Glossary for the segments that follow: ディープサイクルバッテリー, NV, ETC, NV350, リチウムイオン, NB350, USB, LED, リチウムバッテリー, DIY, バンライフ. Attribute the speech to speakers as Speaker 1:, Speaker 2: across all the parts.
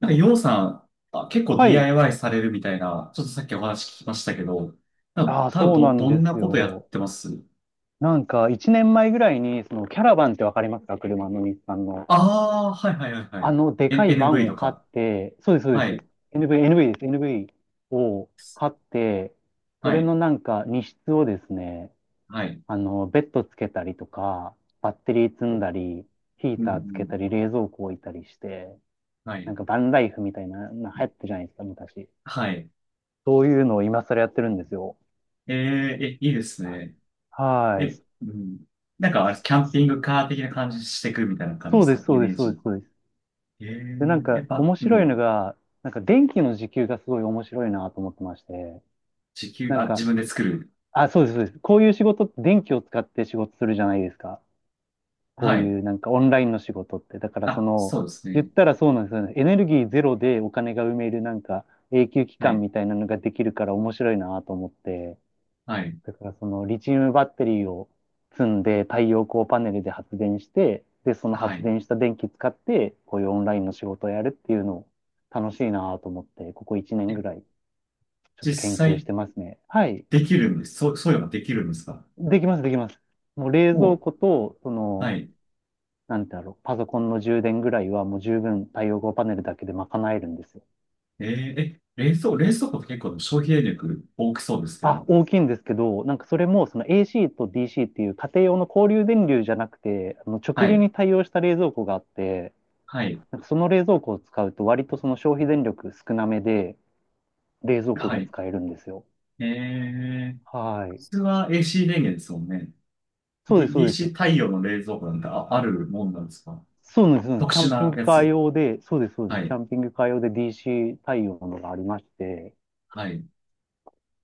Speaker 1: なんか、ようさん、あ、結構
Speaker 2: はい。
Speaker 1: DIY されるみたいな、ちょっとさっきお話聞きましたけど、なんか
Speaker 2: ああ、
Speaker 1: 多分
Speaker 2: そうな
Speaker 1: ど、
Speaker 2: ん
Speaker 1: ど
Speaker 2: で
Speaker 1: んな
Speaker 2: す
Speaker 1: ことやっ
Speaker 2: よ。
Speaker 1: てます？
Speaker 2: 一年前ぐらいに、キャラバンってわかりますか？車の日産の。
Speaker 1: ああー、はいはいはいはい。
Speaker 2: でかい
Speaker 1: N、
Speaker 2: バ
Speaker 1: NV
Speaker 2: ンを
Speaker 1: と
Speaker 2: 買っ
Speaker 1: か。
Speaker 2: て、そうです、そうで
Speaker 1: は
Speaker 2: す。
Speaker 1: い、
Speaker 2: NV、NV です。NV を買って、そ
Speaker 1: は
Speaker 2: れ
Speaker 1: い、
Speaker 2: のなんか、荷室をですね、
Speaker 1: はい。
Speaker 2: ベッドつけたりとか、バッテリー積んだり、ヒ
Speaker 1: う
Speaker 2: ー
Speaker 1: ん、う
Speaker 2: ターつけた
Speaker 1: ん。
Speaker 2: り、冷蔵庫置いたりして、
Speaker 1: はい、
Speaker 2: バンライフみたいな、流行ったじゃないですか、昔。
Speaker 1: はい。
Speaker 2: そういうのを今更やってるんですよ。
Speaker 1: ええ、いいですね。
Speaker 2: は
Speaker 1: え、
Speaker 2: い。
Speaker 1: うん。なんかあれ、キャンピングカー的な感じしてくみたいな感
Speaker 2: そ
Speaker 1: じ
Speaker 2: う
Speaker 1: で
Speaker 2: で
Speaker 1: すか、
Speaker 2: す、
Speaker 1: イ
Speaker 2: そうで
Speaker 1: メー
Speaker 2: す、そうで
Speaker 1: ジ？
Speaker 2: す、そうです。で、
Speaker 1: やっぱ、
Speaker 2: 面
Speaker 1: う
Speaker 2: 白いの
Speaker 1: ん。
Speaker 2: が、電気の時給がすごい面白いなと思ってまして、
Speaker 1: 時給、
Speaker 2: なん
Speaker 1: あ、自
Speaker 2: か、
Speaker 1: 分で作る？
Speaker 2: あ、そうです、そうです。こういう仕事って電気を使って仕事するじゃないですか。こ
Speaker 1: は
Speaker 2: う
Speaker 1: い。
Speaker 2: いうオンラインの仕事って。だから
Speaker 1: あ、そうです
Speaker 2: 言っ
Speaker 1: ね。
Speaker 2: たらそうなんですよね。エネルギーゼロでお金が埋める永久期
Speaker 1: は
Speaker 2: 間
Speaker 1: い、
Speaker 2: みたいなのができるから面白いなと思って。
Speaker 1: はい、
Speaker 2: だからそのリチウムバッテリーを積んで太陽光パネルで発電して、で、その
Speaker 1: は
Speaker 2: 発
Speaker 1: い。
Speaker 2: 電した電気使って、こういうオンラインの仕事をやるっていうのを楽しいなと思って、ここ1年
Speaker 1: え
Speaker 2: ぐらいちょっ
Speaker 1: 実
Speaker 2: と研究し
Speaker 1: 際
Speaker 2: てますね。はい。
Speaker 1: できるんです、そういうのができるんですか？
Speaker 2: できます、できます。もう冷蔵
Speaker 1: も
Speaker 2: 庫と、
Speaker 1: う、はい。
Speaker 2: なんてだろう、パソコンの充電ぐらいはもう十分太陽光パネルだけで賄えるんですよ。
Speaker 1: えー、え、冷蔵庫って結構消費電力大きそうですけ
Speaker 2: あ、
Speaker 1: ど。
Speaker 2: 大きいんですけど、なんかそれもその AC と DC っていう家庭用の交流電流じゃなくて、あの
Speaker 1: は
Speaker 2: 直流
Speaker 1: い。
Speaker 2: に対応した冷蔵庫があって、
Speaker 1: はい。
Speaker 2: なんかその冷蔵庫を使うと割とその消費電力少なめで冷蔵庫
Speaker 1: は
Speaker 2: が
Speaker 1: い。
Speaker 2: 使えるんですよ。
Speaker 1: えー、
Speaker 2: は
Speaker 1: 普
Speaker 2: い。
Speaker 1: 通は AC 電源ですもんね。
Speaker 2: そうです、そ
Speaker 1: D、
Speaker 2: うで
Speaker 1: DC
Speaker 2: す。
Speaker 1: 太陽の冷蔵庫なんてあるもんなんですか？
Speaker 2: そうなんです、そうなんです。
Speaker 1: 特
Speaker 2: キャ
Speaker 1: 殊
Speaker 2: ンピン
Speaker 1: な
Speaker 2: グ
Speaker 1: や
Speaker 2: カー
Speaker 1: つ。
Speaker 2: 用で、そうです、そうで
Speaker 1: は
Speaker 2: す。キャ
Speaker 1: い。
Speaker 2: ンピングカー用で DC 対応のがありまして、
Speaker 1: はい。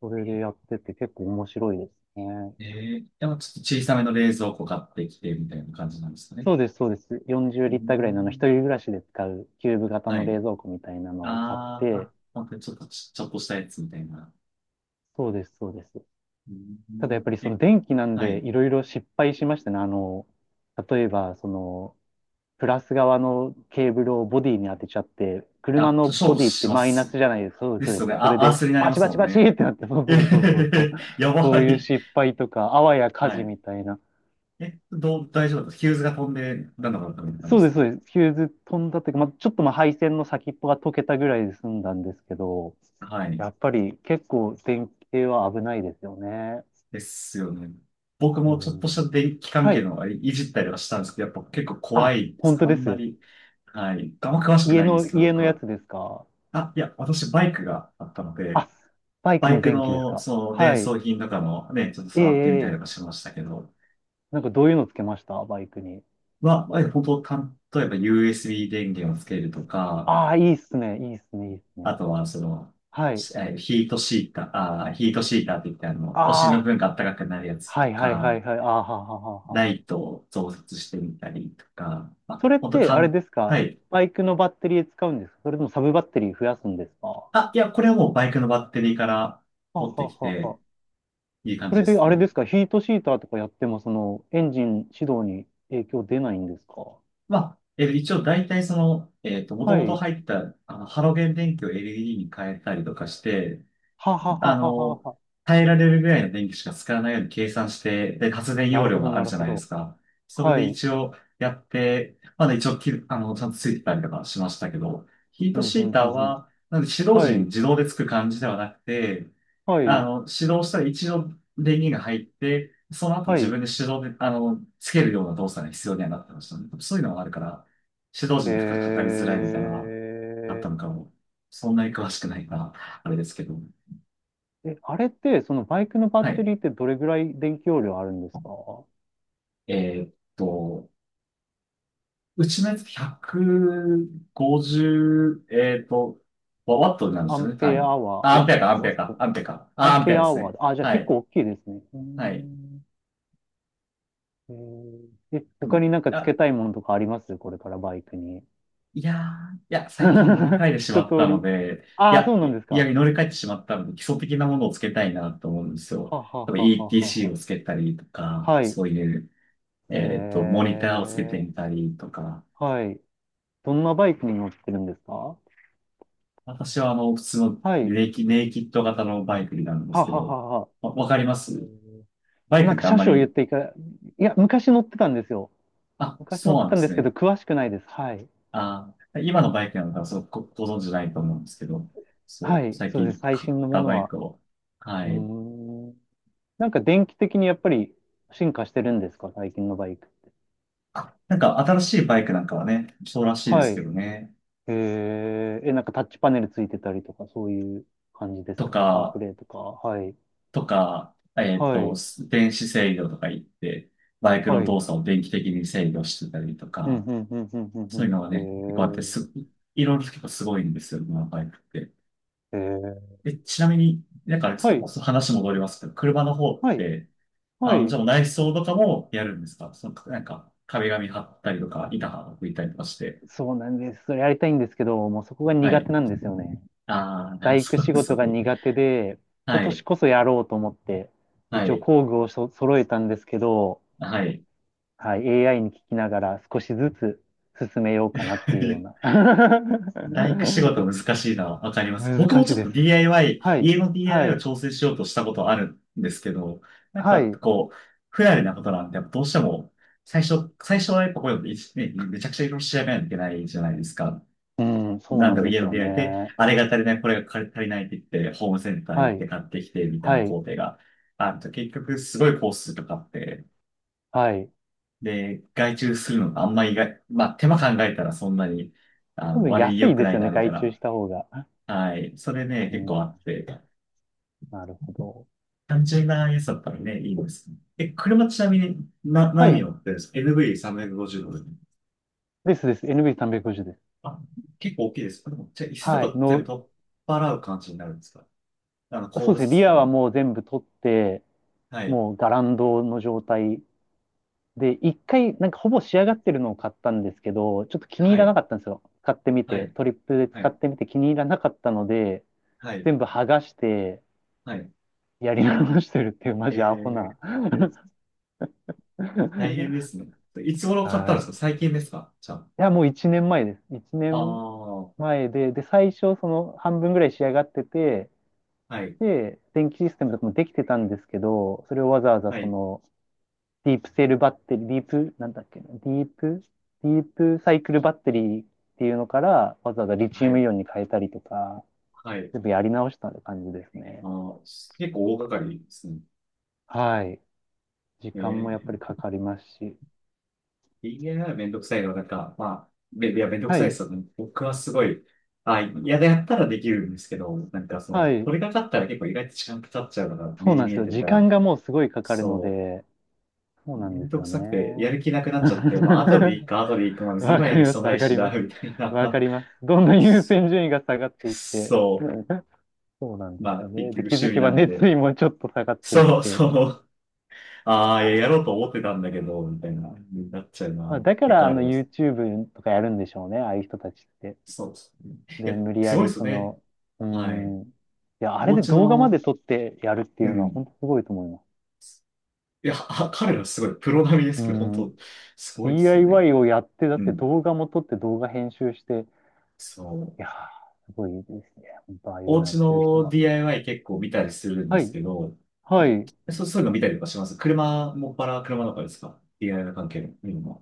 Speaker 2: それでやってて結構面白いですね。
Speaker 1: えでもちょっと小さめの冷蔵庫買ってきてみたいな感じなんですかね。
Speaker 2: そうです、そうです。40
Speaker 1: うー
Speaker 2: リッターぐらいのあの一
Speaker 1: ん。
Speaker 2: 人暮らしで使うキューブ型
Speaker 1: は
Speaker 2: の
Speaker 1: い。
Speaker 2: 冷蔵庫みたいなのを買っ
Speaker 1: あー、
Speaker 2: て、
Speaker 1: あ、本当にちょっとちょっとしたやつみたいな。
Speaker 2: そうです、そうです。
Speaker 1: うー
Speaker 2: ただやっ
Speaker 1: ん。
Speaker 2: ぱりそ
Speaker 1: え、
Speaker 2: の電気なん
Speaker 1: は
Speaker 2: で
Speaker 1: い。
Speaker 2: いろいろ失敗しましたね。例えば、プラス側のケーブルをボディに当てちゃって、車
Speaker 1: あ、
Speaker 2: の
Speaker 1: ショー
Speaker 2: ボ
Speaker 1: ト
Speaker 2: ディって
Speaker 1: しま
Speaker 2: マイナス
Speaker 1: す。
Speaker 2: じゃないですか。そうです、
Speaker 1: で
Speaker 2: そう
Speaker 1: す
Speaker 2: で
Speaker 1: よね。
Speaker 2: す。それ
Speaker 1: あ、アー
Speaker 2: で、
Speaker 1: スになり
Speaker 2: バ
Speaker 1: ま
Speaker 2: チ
Speaker 1: す
Speaker 2: バ
Speaker 1: も
Speaker 2: チ
Speaker 1: ん
Speaker 2: バチ
Speaker 1: ね。
Speaker 2: ってなって、そう
Speaker 1: えへへ
Speaker 2: そうそうそうそう。
Speaker 1: へ、や
Speaker 2: そ
Speaker 1: ば
Speaker 2: ういう
Speaker 1: い。
Speaker 2: 失敗とか、あわや火
Speaker 1: は
Speaker 2: 事
Speaker 1: い。
Speaker 2: みたいな。
Speaker 1: え、大丈夫だった？ヒューズが飛んで、なんだかった、みたいな感
Speaker 2: そ
Speaker 1: じ
Speaker 2: うで
Speaker 1: で
Speaker 2: す、
Speaker 1: すね。
Speaker 2: そうです。ヒューズ飛んだというか、まあ、ちょっとまあ配線の先っぽが溶けたぐらいで済んだんですけど、
Speaker 1: はい。
Speaker 2: やっぱり結構電気系は危ないですよね。
Speaker 1: ですよね。僕
Speaker 2: う
Speaker 1: もちょっとし
Speaker 2: ん、
Speaker 1: た電気関
Speaker 2: は
Speaker 1: 係
Speaker 2: い。
Speaker 1: のいいじったりはしたんですけど、やっぱ結構怖
Speaker 2: あ、
Speaker 1: いです
Speaker 2: 本
Speaker 1: ね。
Speaker 2: 当
Speaker 1: あ
Speaker 2: で
Speaker 1: んま
Speaker 2: す。
Speaker 1: り、はい。あんま詳しく
Speaker 2: 家
Speaker 1: ないんです
Speaker 2: の、
Speaker 1: けど、
Speaker 2: 家
Speaker 1: 僕
Speaker 2: のや
Speaker 1: は。
Speaker 2: つですか？
Speaker 1: あ、いや、私バイクがあったので、
Speaker 2: あ、バイク
Speaker 1: バ
Speaker 2: の
Speaker 1: イク
Speaker 2: 電気です
Speaker 1: の、
Speaker 2: か？
Speaker 1: その、
Speaker 2: は
Speaker 1: 伝
Speaker 2: い。
Speaker 1: 装品とかもね、ちょっと
Speaker 2: え
Speaker 1: 触ってみたりと
Speaker 2: え
Speaker 1: か
Speaker 2: え
Speaker 1: しましたけど、
Speaker 2: なんかどういうのつけました？バイクに。
Speaker 1: まあ、本当、例えば USB 電源をつけるとか、
Speaker 2: ああ、いいっすね。いいっすね。いいっす
Speaker 1: あ
Speaker 2: ね。
Speaker 1: とは、その、
Speaker 2: はい。
Speaker 1: しえーヒートシーター、あー、ヒートシーターって言って、あの、お尻の部
Speaker 2: ああ、
Speaker 1: 分が暖かくなるやつと
Speaker 2: はいはいは
Speaker 1: か、
Speaker 2: いはい。ああ、はははあはあ。
Speaker 1: ライトを増設してみたりとか、まあ、
Speaker 2: それっ
Speaker 1: 本当
Speaker 2: て、
Speaker 1: か
Speaker 2: あれ
Speaker 1: ん、
Speaker 2: ですか？
Speaker 1: はい。
Speaker 2: バイクのバッテリー使うんですか？それともサブバッテリー増やすんですか？は
Speaker 1: あ、いや、これはもうバイクのバッテリーから
Speaker 2: あは
Speaker 1: 取っ
Speaker 2: あ
Speaker 1: て
Speaker 2: は
Speaker 1: き
Speaker 2: あは
Speaker 1: て、
Speaker 2: あ。
Speaker 1: いい感
Speaker 2: そ
Speaker 1: じ
Speaker 2: れ
Speaker 1: で
Speaker 2: で、
Speaker 1: す
Speaker 2: あれ
Speaker 1: ね。
Speaker 2: ですか？ヒートシーターとかやっても、エンジン始動に影響出ないんですか？
Speaker 1: まあ、一応大体その、もと
Speaker 2: は
Speaker 1: もと
Speaker 2: い。
Speaker 1: 入った、あの、ハロゲン電気を LED に変えたりとかして、
Speaker 2: はははあ
Speaker 1: あ
Speaker 2: はあは
Speaker 1: の、
Speaker 2: あはあ。
Speaker 1: 耐えられるぐらいの電気しか使わないように計算して、で、発電
Speaker 2: な
Speaker 1: 容
Speaker 2: るほ
Speaker 1: 量
Speaker 2: ど、
Speaker 1: があ
Speaker 2: な
Speaker 1: る
Speaker 2: る
Speaker 1: じゃ
Speaker 2: ほ
Speaker 1: ないです
Speaker 2: ど。
Speaker 1: か。それ
Speaker 2: は
Speaker 1: で
Speaker 2: い。
Speaker 1: 一応やって、まだ一応あの、ちゃんとついてたりとかしましたけど、ヒー
Speaker 2: う
Speaker 1: ト
Speaker 2: ん、
Speaker 1: シ
Speaker 2: うん、
Speaker 1: ーター
Speaker 2: うん、うん。
Speaker 1: は、なんで指導
Speaker 2: は
Speaker 1: 時に
Speaker 2: い。
Speaker 1: 自動でつく感じではなくて、
Speaker 2: は
Speaker 1: あ
Speaker 2: い。
Speaker 1: の、始動したら一度電源が入って、その後
Speaker 2: は
Speaker 1: 自
Speaker 2: い。
Speaker 1: 分で手動で、あの、つけるような動作が必要にはなってましたね。そういうのがあるから、指導
Speaker 2: へ
Speaker 1: 時に負荷かかりづらいみたいなのがあった
Speaker 2: え。
Speaker 1: のかも。そんなに詳しくないから、あれですけど。
Speaker 2: え、あれって、そのバイクのバッ
Speaker 1: は
Speaker 2: テ
Speaker 1: い。
Speaker 2: リーってどれぐらい電気容量あるんですか？
Speaker 1: えーっと、うちのやつ150、ワットになるんで
Speaker 2: ア
Speaker 1: すよ
Speaker 2: ン
Speaker 1: ね、
Speaker 2: ペ
Speaker 1: 単
Speaker 2: ア
Speaker 1: 位。
Speaker 2: アワ
Speaker 1: あ、
Speaker 2: ー、
Speaker 1: アン
Speaker 2: ワッ
Speaker 1: ペアか、
Speaker 2: ト、
Speaker 1: アンペ
Speaker 2: ワ
Speaker 1: ア
Speaker 2: ッ
Speaker 1: か、
Speaker 2: ト、
Speaker 1: アンペアか。
Speaker 2: ア
Speaker 1: あ、
Speaker 2: ン
Speaker 1: アンペア
Speaker 2: ペア
Speaker 1: で
Speaker 2: ア
Speaker 1: す
Speaker 2: ワ
Speaker 1: ね。
Speaker 2: ー、あ、じゃあ
Speaker 1: は
Speaker 2: 結
Speaker 1: い、
Speaker 2: 構大きいですね。うー
Speaker 1: はい。
Speaker 2: ん。えー、え、
Speaker 1: う
Speaker 2: 他
Speaker 1: ん、
Speaker 2: になんか付け
Speaker 1: あ、
Speaker 2: たいものとかあります？これからバイクに。
Speaker 1: いやー、いや、最近乗り 換えてし
Speaker 2: 一
Speaker 1: まった
Speaker 2: 通
Speaker 1: の
Speaker 2: り。
Speaker 1: で、い
Speaker 2: ああ、そ
Speaker 1: や、
Speaker 2: う
Speaker 1: い
Speaker 2: な
Speaker 1: や、
Speaker 2: んです
Speaker 1: い
Speaker 2: か。
Speaker 1: や乗り換えてしまったので、基礎的なものをつけたいなと思うんですよ。
Speaker 2: はは
Speaker 1: 多分
Speaker 2: はあはあはあ
Speaker 1: ETC
Speaker 2: は
Speaker 1: をつけたりと
Speaker 2: あ。
Speaker 1: か、
Speaker 2: はい。
Speaker 1: そういう、
Speaker 2: え
Speaker 1: モニターをつけて
Speaker 2: ー、
Speaker 1: みたりとか、
Speaker 2: はい。どんなバイクに乗ってるんですか？
Speaker 1: 私はあの、普通の
Speaker 2: はい。
Speaker 1: ネイキッド型のバイクになるんで
Speaker 2: は
Speaker 1: す
Speaker 2: あ
Speaker 1: け
Speaker 2: は
Speaker 1: ど、
Speaker 2: あはあはあ。
Speaker 1: わ、わかりま
Speaker 2: え
Speaker 1: す
Speaker 2: ー、
Speaker 1: バイ
Speaker 2: なん
Speaker 1: クっ
Speaker 2: か
Speaker 1: てあん
Speaker 2: 車
Speaker 1: ま
Speaker 2: 種を言っ
Speaker 1: り、
Speaker 2: ていか、いや、昔乗ってたんですよ。
Speaker 1: あ、
Speaker 2: 昔乗
Speaker 1: そ
Speaker 2: っ
Speaker 1: う
Speaker 2: て
Speaker 1: なん
Speaker 2: た
Speaker 1: で
Speaker 2: んで
Speaker 1: す
Speaker 2: すけど、
Speaker 1: ね。
Speaker 2: 詳しくないです。はい。
Speaker 1: あ、今のバイクなのか、そう、ご存知ないと思うんですけど、そ
Speaker 2: は
Speaker 1: う、
Speaker 2: い。
Speaker 1: 最
Speaker 2: そうです。
Speaker 1: 近
Speaker 2: 最
Speaker 1: 買っ
Speaker 2: 新のも
Speaker 1: た
Speaker 2: の
Speaker 1: バイ
Speaker 2: は。
Speaker 1: クを、は
Speaker 2: うー
Speaker 1: い。
Speaker 2: ん。なんか電気的にやっぱり進化してるんですか？最近のバイク。
Speaker 1: あ、なんか新しいバイクなんかはね、そうらしいで
Speaker 2: は
Speaker 1: すけ
Speaker 2: い。
Speaker 1: どね。
Speaker 2: えー、え、なんかタッチパネルついてたりとか、そういう感じです
Speaker 1: と
Speaker 2: か？カープ
Speaker 1: か、
Speaker 2: レイとか。はい。
Speaker 1: とか、
Speaker 2: はい。
Speaker 1: 電子制御とか言って、バイク
Speaker 2: は
Speaker 1: の
Speaker 2: い。
Speaker 1: 動作を電気的に制御してたりと
Speaker 2: うん、
Speaker 1: か、
Speaker 2: うん、うん、うん、
Speaker 1: そういうのが
Speaker 2: う
Speaker 1: ね、結構あっ
Speaker 2: ん。
Speaker 1: て、
Speaker 2: うん、
Speaker 1: いろいろ結構すごいんですよ、今のバイクって。
Speaker 2: えー、えー、
Speaker 1: え、ちなみに、なんかあれで
Speaker 2: は
Speaker 1: す、
Speaker 2: い。
Speaker 1: 話戻りますけど、車の方っ
Speaker 2: はい。
Speaker 1: て、
Speaker 2: は
Speaker 1: あの、じ
Speaker 2: い。
Speaker 1: ゃあもう内装とかもやるんですか？その、なんか、壁紙貼ったりとか、板貼っていたりとかして。
Speaker 2: そうなんです。それやりたいんですけど、もうそこが
Speaker 1: は
Speaker 2: 苦
Speaker 1: い。
Speaker 2: 手なんですよね。
Speaker 1: ああ、
Speaker 2: 大工
Speaker 1: そう
Speaker 2: 仕
Speaker 1: です、そ
Speaker 2: 事
Speaker 1: う
Speaker 2: が
Speaker 1: です。
Speaker 2: 苦手で、今
Speaker 1: は
Speaker 2: 年
Speaker 1: い。
Speaker 2: こそやろうと思って、
Speaker 1: は
Speaker 2: 一応
Speaker 1: い。
Speaker 2: 工具をそ揃えたんですけど、
Speaker 1: はい。はい。
Speaker 2: はい、AI に聞きながら少しずつ進めようかなっていうような。
Speaker 1: 大工仕 事難しいな。わかります。僕も
Speaker 2: 難し
Speaker 1: ち
Speaker 2: い
Speaker 1: ょっ
Speaker 2: で
Speaker 1: と
Speaker 2: す。
Speaker 1: DIY、
Speaker 2: はい、
Speaker 1: 家の
Speaker 2: は
Speaker 1: DIY を
Speaker 2: い、
Speaker 1: 調整しようとしたことあるんですけど、やっ
Speaker 2: は
Speaker 1: ぱ
Speaker 2: い。
Speaker 1: こう、不慣れなことなんで、やっぱどうしても、最初はやっぱこういうの、いちね、めちゃくちゃいろいろ調べないといけないじゃないですか。
Speaker 2: うん、そう
Speaker 1: なん
Speaker 2: な
Speaker 1: だ
Speaker 2: ん
Speaker 1: ろう、
Speaker 2: で
Speaker 1: 家
Speaker 2: す
Speaker 1: の
Speaker 2: よ
Speaker 1: DIY で、
Speaker 2: ね。
Speaker 1: あれが足りない、これが足りないって言って、ホームセンター
Speaker 2: は
Speaker 1: 行って
Speaker 2: い、
Speaker 1: 買ってきて、みたいな
Speaker 2: は
Speaker 1: 工
Speaker 2: い、
Speaker 1: 程があると、結局すごいコースとかあって、
Speaker 2: はい。
Speaker 1: で、外注するのがあんまりがまあ手間考えたらそんなに、あ
Speaker 2: 多
Speaker 1: の、
Speaker 2: 分
Speaker 1: 悪い
Speaker 2: 安
Speaker 1: 良
Speaker 2: い
Speaker 1: く
Speaker 2: で
Speaker 1: な
Speaker 2: す
Speaker 1: い
Speaker 2: よ
Speaker 1: な、
Speaker 2: ね、
Speaker 1: みたい
Speaker 2: 外注し
Speaker 1: な。
Speaker 2: た方が。
Speaker 1: はい。それね、
Speaker 2: う
Speaker 1: 結
Speaker 2: ん、
Speaker 1: 構あって、
Speaker 2: なるほど。
Speaker 1: 単純なやつだったらね、いいです。え、車ちなみに、な、
Speaker 2: は
Speaker 1: 何
Speaker 2: い、
Speaker 1: 乗ってるんですか？ NV350 ドル。
Speaker 2: ですです。NB350 です。
Speaker 1: あ、結構大きいです。でもじゃあ、椅子と
Speaker 2: はい、
Speaker 1: か全部
Speaker 2: の、
Speaker 1: 取っ払う感じになるんですか？あの、後
Speaker 2: そうで
Speaker 1: 部
Speaker 2: す
Speaker 1: 座
Speaker 2: ね、リ
Speaker 1: 席
Speaker 2: アは
Speaker 1: も。
Speaker 2: もう全部取って、
Speaker 1: はい。
Speaker 2: もうガランドの状態で、一回、なんかほぼ仕上がってるのを買ったんですけど、ちょっと気に入
Speaker 1: は
Speaker 2: らな
Speaker 1: い。
Speaker 2: かったんですよ。使ってみ
Speaker 1: は
Speaker 2: て、
Speaker 1: い。
Speaker 2: トリップで
Speaker 1: は
Speaker 2: 使っ
Speaker 1: い。
Speaker 2: てみて気に入らなかったので、
Speaker 1: はい。
Speaker 2: 全部剥がして、
Speaker 1: はい。
Speaker 2: やり直してるっていう、マ
Speaker 1: え
Speaker 2: ジアホな。
Speaker 1: ー、え大変で すね。いつ頃買ったん
Speaker 2: は
Speaker 1: で
Speaker 2: い。
Speaker 1: す
Speaker 2: い
Speaker 1: か？最近ですかじゃあ？
Speaker 2: や、もう1年前です。1
Speaker 1: ああ、
Speaker 2: 年
Speaker 1: は
Speaker 2: 前で、で、最初、その半分ぐらい仕上がってて、
Speaker 1: い。
Speaker 2: で、電気システムとかもできてたんですけど、それをわざわざ
Speaker 1: は
Speaker 2: そ
Speaker 1: い。
Speaker 2: の、ディープセルバッテリー、ディープ、なんだっけな、ディープ、ディープサイクルバッテリーっていうのから、わざわざリチ
Speaker 1: は
Speaker 2: ウム
Speaker 1: い。
Speaker 2: イオンに変えたりとか、
Speaker 1: はい。
Speaker 2: 全部やり直した感じです
Speaker 1: あ
Speaker 2: ね。
Speaker 1: ー、結構大掛かりですね。
Speaker 2: はい。時
Speaker 1: え
Speaker 2: 間もやっぱり
Speaker 1: ー
Speaker 2: かかりますし。
Speaker 1: DIY めんどくさいのは、なんか、まあ、めいや、めんどく
Speaker 2: は
Speaker 1: さいで
Speaker 2: い。
Speaker 1: すよね。僕はすごい、あ、嫌ややったらできるんですけど、なんかその、
Speaker 2: はい。
Speaker 1: 取り掛かったら結構意外と時間かかっちゃうのが
Speaker 2: そ
Speaker 1: 目
Speaker 2: う
Speaker 1: に
Speaker 2: なん
Speaker 1: 見
Speaker 2: です
Speaker 1: え
Speaker 2: よ。
Speaker 1: てる
Speaker 2: 時
Speaker 1: か
Speaker 2: 間
Speaker 1: ら、
Speaker 2: がもうすごいかかるの
Speaker 1: そ
Speaker 2: で、そう
Speaker 1: う、
Speaker 2: な
Speaker 1: め
Speaker 2: んで
Speaker 1: ん
Speaker 2: す
Speaker 1: どく
Speaker 2: よ
Speaker 1: さくて、や
Speaker 2: ね。
Speaker 1: る気なくなっちゃって、まあ、後でい いか、後でいいか、まあ、別に
Speaker 2: わ
Speaker 1: 今
Speaker 2: か
Speaker 1: や
Speaker 2: り
Speaker 1: る
Speaker 2: ま
Speaker 1: 必要
Speaker 2: す、
Speaker 1: な
Speaker 2: わ
Speaker 1: い
Speaker 2: か
Speaker 1: し
Speaker 2: り
Speaker 1: な、
Speaker 2: ます。
Speaker 1: みたい
Speaker 2: わか
Speaker 1: な。
Speaker 2: ります。どんどん優
Speaker 1: そ
Speaker 2: 先順位が下がっていって。
Speaker 1: そ
Speaker 2: そうなん
Speaker 1: う、
Speaker 2: で
Speaker 1: ま
Speaker 2: す
Speaker 1: あ、
Speaker 2: よ
Speaker 1: 結
Speaker 2: ね。
Speaker 1: 局
Speaker 2: で、気
Speaker 1: 趣
Speaker 2: づ
Speaker 1: 味
Speaker 2: けば
Speaker 1: なん
Speaker 2: 熱
Speaker 1: で、
Speaker 2: 意もちょっと下がっていっ
Speaker 1: そう、
Speaker 2: て。
Speaker 1: そう、
Speaker 2: いや
Speaker 1: ああ、いやや
Speaker 2: ー、
Speaker 1: ろうと思ってたんだけど、みたいな、になっちゃう
Speaker 2: ま
Speaker 1: な、
Speaker 2: あ、だか
Speaker 1: 結
Speaker 2: ら、
Speaker 1: 構あります。
Speaker 2: YouTube とかやるんでしょうね、ああいう人たちって。
Speaker 1: そうですね。いや、
Speaker 2: で、無理
Speaker 1: す
Speaker 2: や
Speaker 1: ごいで
Speaker 2: り、
Speaker 1: すね。
Speaker 2: うー
Speaker 1: はい。
Speaker 2: ん、いや、あれ
Speaker 1: お
Speaker 2: で
Speaker 1: 家
Speaker 2: 動画まで
Speaker 1: の、
Speaker 2: 撮ってやるってい
Speaker 1: う
Speaker 2: うのは、
Speaker 1: ん。
Speaker 2: 本当すごいと思います。
Speaker 1: いや、彼らすごい、プロ並みで
Speaker 2: う
Speaker 1: す
Speaker 2: ー
Speaker 1: けど、本
Speaker 2: ん、
Speaker 1: 当すごいですよね。
Speaker 2: DIY をやって、だっ
Speaker 1: う
Speaker 2: て
Speaker 1: ん。
Speaker 2: 動画も撮って動画編集して、
Speaker 1: そう。
Speaker 2: いやー、すごいですね。本当、ああいう
Speaker 1: お
Speaker 2: のや
Speaker 1: 家
Speaker 2: ってる人
Speaker 1: の
Speaker 2: は。
Speaker 1: DIY 結構見たりするんで
Speaker 2: は
Speaker 1: す
Speaker 2: い、
Speaker 1: けど、
Speaker 2: はい。
Speaker 1: そう、そういうの見たりとかします。車、もっぱら車の中ですか？ DIY 関係の見るのは。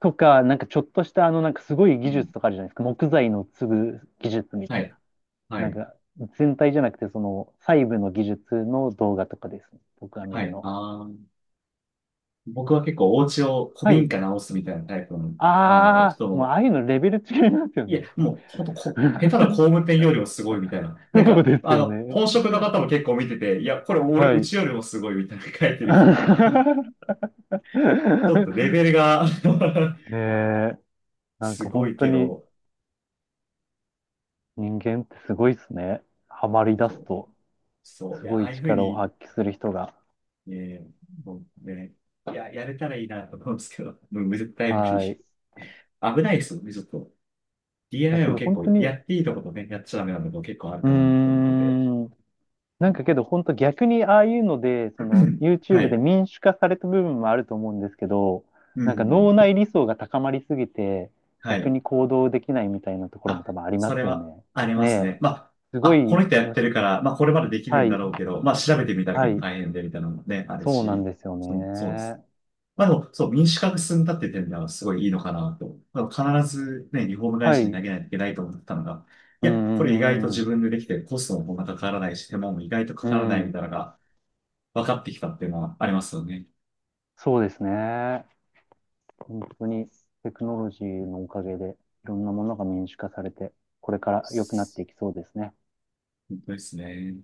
Speaker 2: とか、なんかちょっとした、なんかすごい
Speaker 1: う
Speaker 2: 技術
Speaker 1: ん。
Speaker 2: とかあるじゃないですか。木材の継ぐ技術み
Speaker 1: は
Speaker 2: たい
Speaker 1: い。
Speaker 2: な。
Speaker 1: は
Speaker 2: なん
Speaker 1: い。
Speaker 2: か、全体じゃなくて、細部の技術の動画とかですね。僕が見
Speaker 1: は
Speaker 2: る
Speaker 1: い。
Speaker 2: のは。
Speaker 1: あー、僕は結構お家を
Speaker 2: は
Speaker 1: 古民
Speaker 2: い。
Speaker 1: 家直すみたいなタイプの、あの、
Speaker 2: ああ、
Speaker 1: 人
Speaker 2: もうあ
Speaker 1: の、
Speaker 2: あいうのレベル違いますよ
Speaker 1: いや、
Speaker 2: ね。
Speaker 1: もう、ほんと、下手な工 務店よりもすごいみたいな。なん
Speaker 2: そう
Speaker 1: か、
Speaker 2: です
Speaker 1: あ
Speaker 2: よ
Speaker 1: の、
Speaker 2: ね。
Speaker 1: 本職の方も結構見てて、いや、これ俺、
Speaker 2: は
Speaker 1: う
Speaker 2: い。
Speaker 1: ちよりもすごいみたいな書いてる人とか、ちょっとレ ベルが
Speaker 2: ねえ、なん
Speaker 1: す
Speaker 2: か
Speaker 1: ご
Speaker 2: 本
Speaker 1: い
Speaker 2: 当
Speaker 1: け
Speaker 2: に
Speaker 1: ど、
Speaker 2: 人間ってすごいっすね。ハマり出
Speaker 1: そ
Speaker 2: す
Speaker 1: う、
Speaker 2: と、
Speaker 1: そう、い
Speaker 2: す
Speaker 1: や、
Speaker 2: ご
Speaker 1: あ
Speaker 2: い
Speaker 1: あいうふう
Speaker 2: 力を
Speaker 1: に、
Speaker 2: 発揮する人が。
Speaker 1: ね、もうね、いや、やれたらいいなと思うんですけど、もう絶対無
Speaker 2: は
Speaker 1: 理。
Speaker 2: い。
Speaker 1: 危ないですよね、ちょっと。
Speaker 2: だ
Speaker 1: DIY
Speaker 2: け
Speaker 1: も
Speaker 2: ど
Speaker 1: 結
Speaker 2: 本
Speaker 1: 構、
Speaker 2: 当
Speaker 1: や
Speaker 2: に、
Speaker 1: っていいとことね、やっちゃダメなとこ結構ある
Speaker 2: う
Speaker 1: かなと思
Speaker 2: ー
Speaker 1: ってて。
Speaker 2: ん。なんかけど、本当逆にああいうので、その
Speaker 1: は
Speaker 2: YouTube で
Speaker 1: い。
Speaker 2: 民主化された部分もあると思うんですけど、
Speaker 1: う
Speaker 2: なんか脳
Speaker 1: ん。
Speaker 2: 内理想が高まりすぎて、
Speaker 1: は
Speaker 2: 逆
Speaker 1: い。
Speaker 2: に行動できないみたいなところも
Speaker 1: あ、
Speaker 2: 多分ありま
Speaker 1: それ
Speaker 2: すよ
Speaker 1: は
Speaker 2: ね。
Speaker 1: あり
Speaker 2: ね
Speaker 1: ますね。ま
Speaker 2: え、すご
Speaker 1: あ、あ、こ
Speaker 2: い
Speaker 1: の人やっ
Speaker 2: の
Speaker 1: て
Speaker 2: し、
Speaker 1: るから、まあ、これまでできる
Speaker 2: は
Speaker 1: んだ
Speaker 2: い、
Speaker 1: ろうけど、まあ、調べてみたら
Speaker 2: は
Speaker 1: 結構
Speaker 2: い、
Speaker 1: 大変で、みたいなのもね、ある
Speaker 2: そうなん
Speaker 1: し、
Speaker 2: ですよ
Speaker 1: そうです。
Speaker 2: ね。
Speaker 1: まあ、でも、そう、民主化が進んだっていう点ではすごいいいのかなと。まあ必ずね、リフォーム会
Speaker 2: はい、
Speaker 1: 社
Speaker 2: う
Speaker 1: に投
Speaker 2: ん、
Speaker 1: げないといけないと思ったのが、い
Speaker 2: う
Speaker 1: や、これ意外と
Speaker 2: ん、う
Speaker 1: 自
Speaker 2: ん、
Speaker 1: 分でできて、コストもこんなかからないし、手間も意外とか
Speaker 2: う
Speaker 1: からな
Speaker 2: ん、う
Speaker 1: いみ
Speaker 2: ん、
Speaker 1: たいなのが分かってきたっていうのはありますよね。
Speaker 2: そうですね。本当にテクノロジーのおかげで、いろんなものが民主化されて、これから良くなっていきそうですね。
Speaker 1: 本当ですね。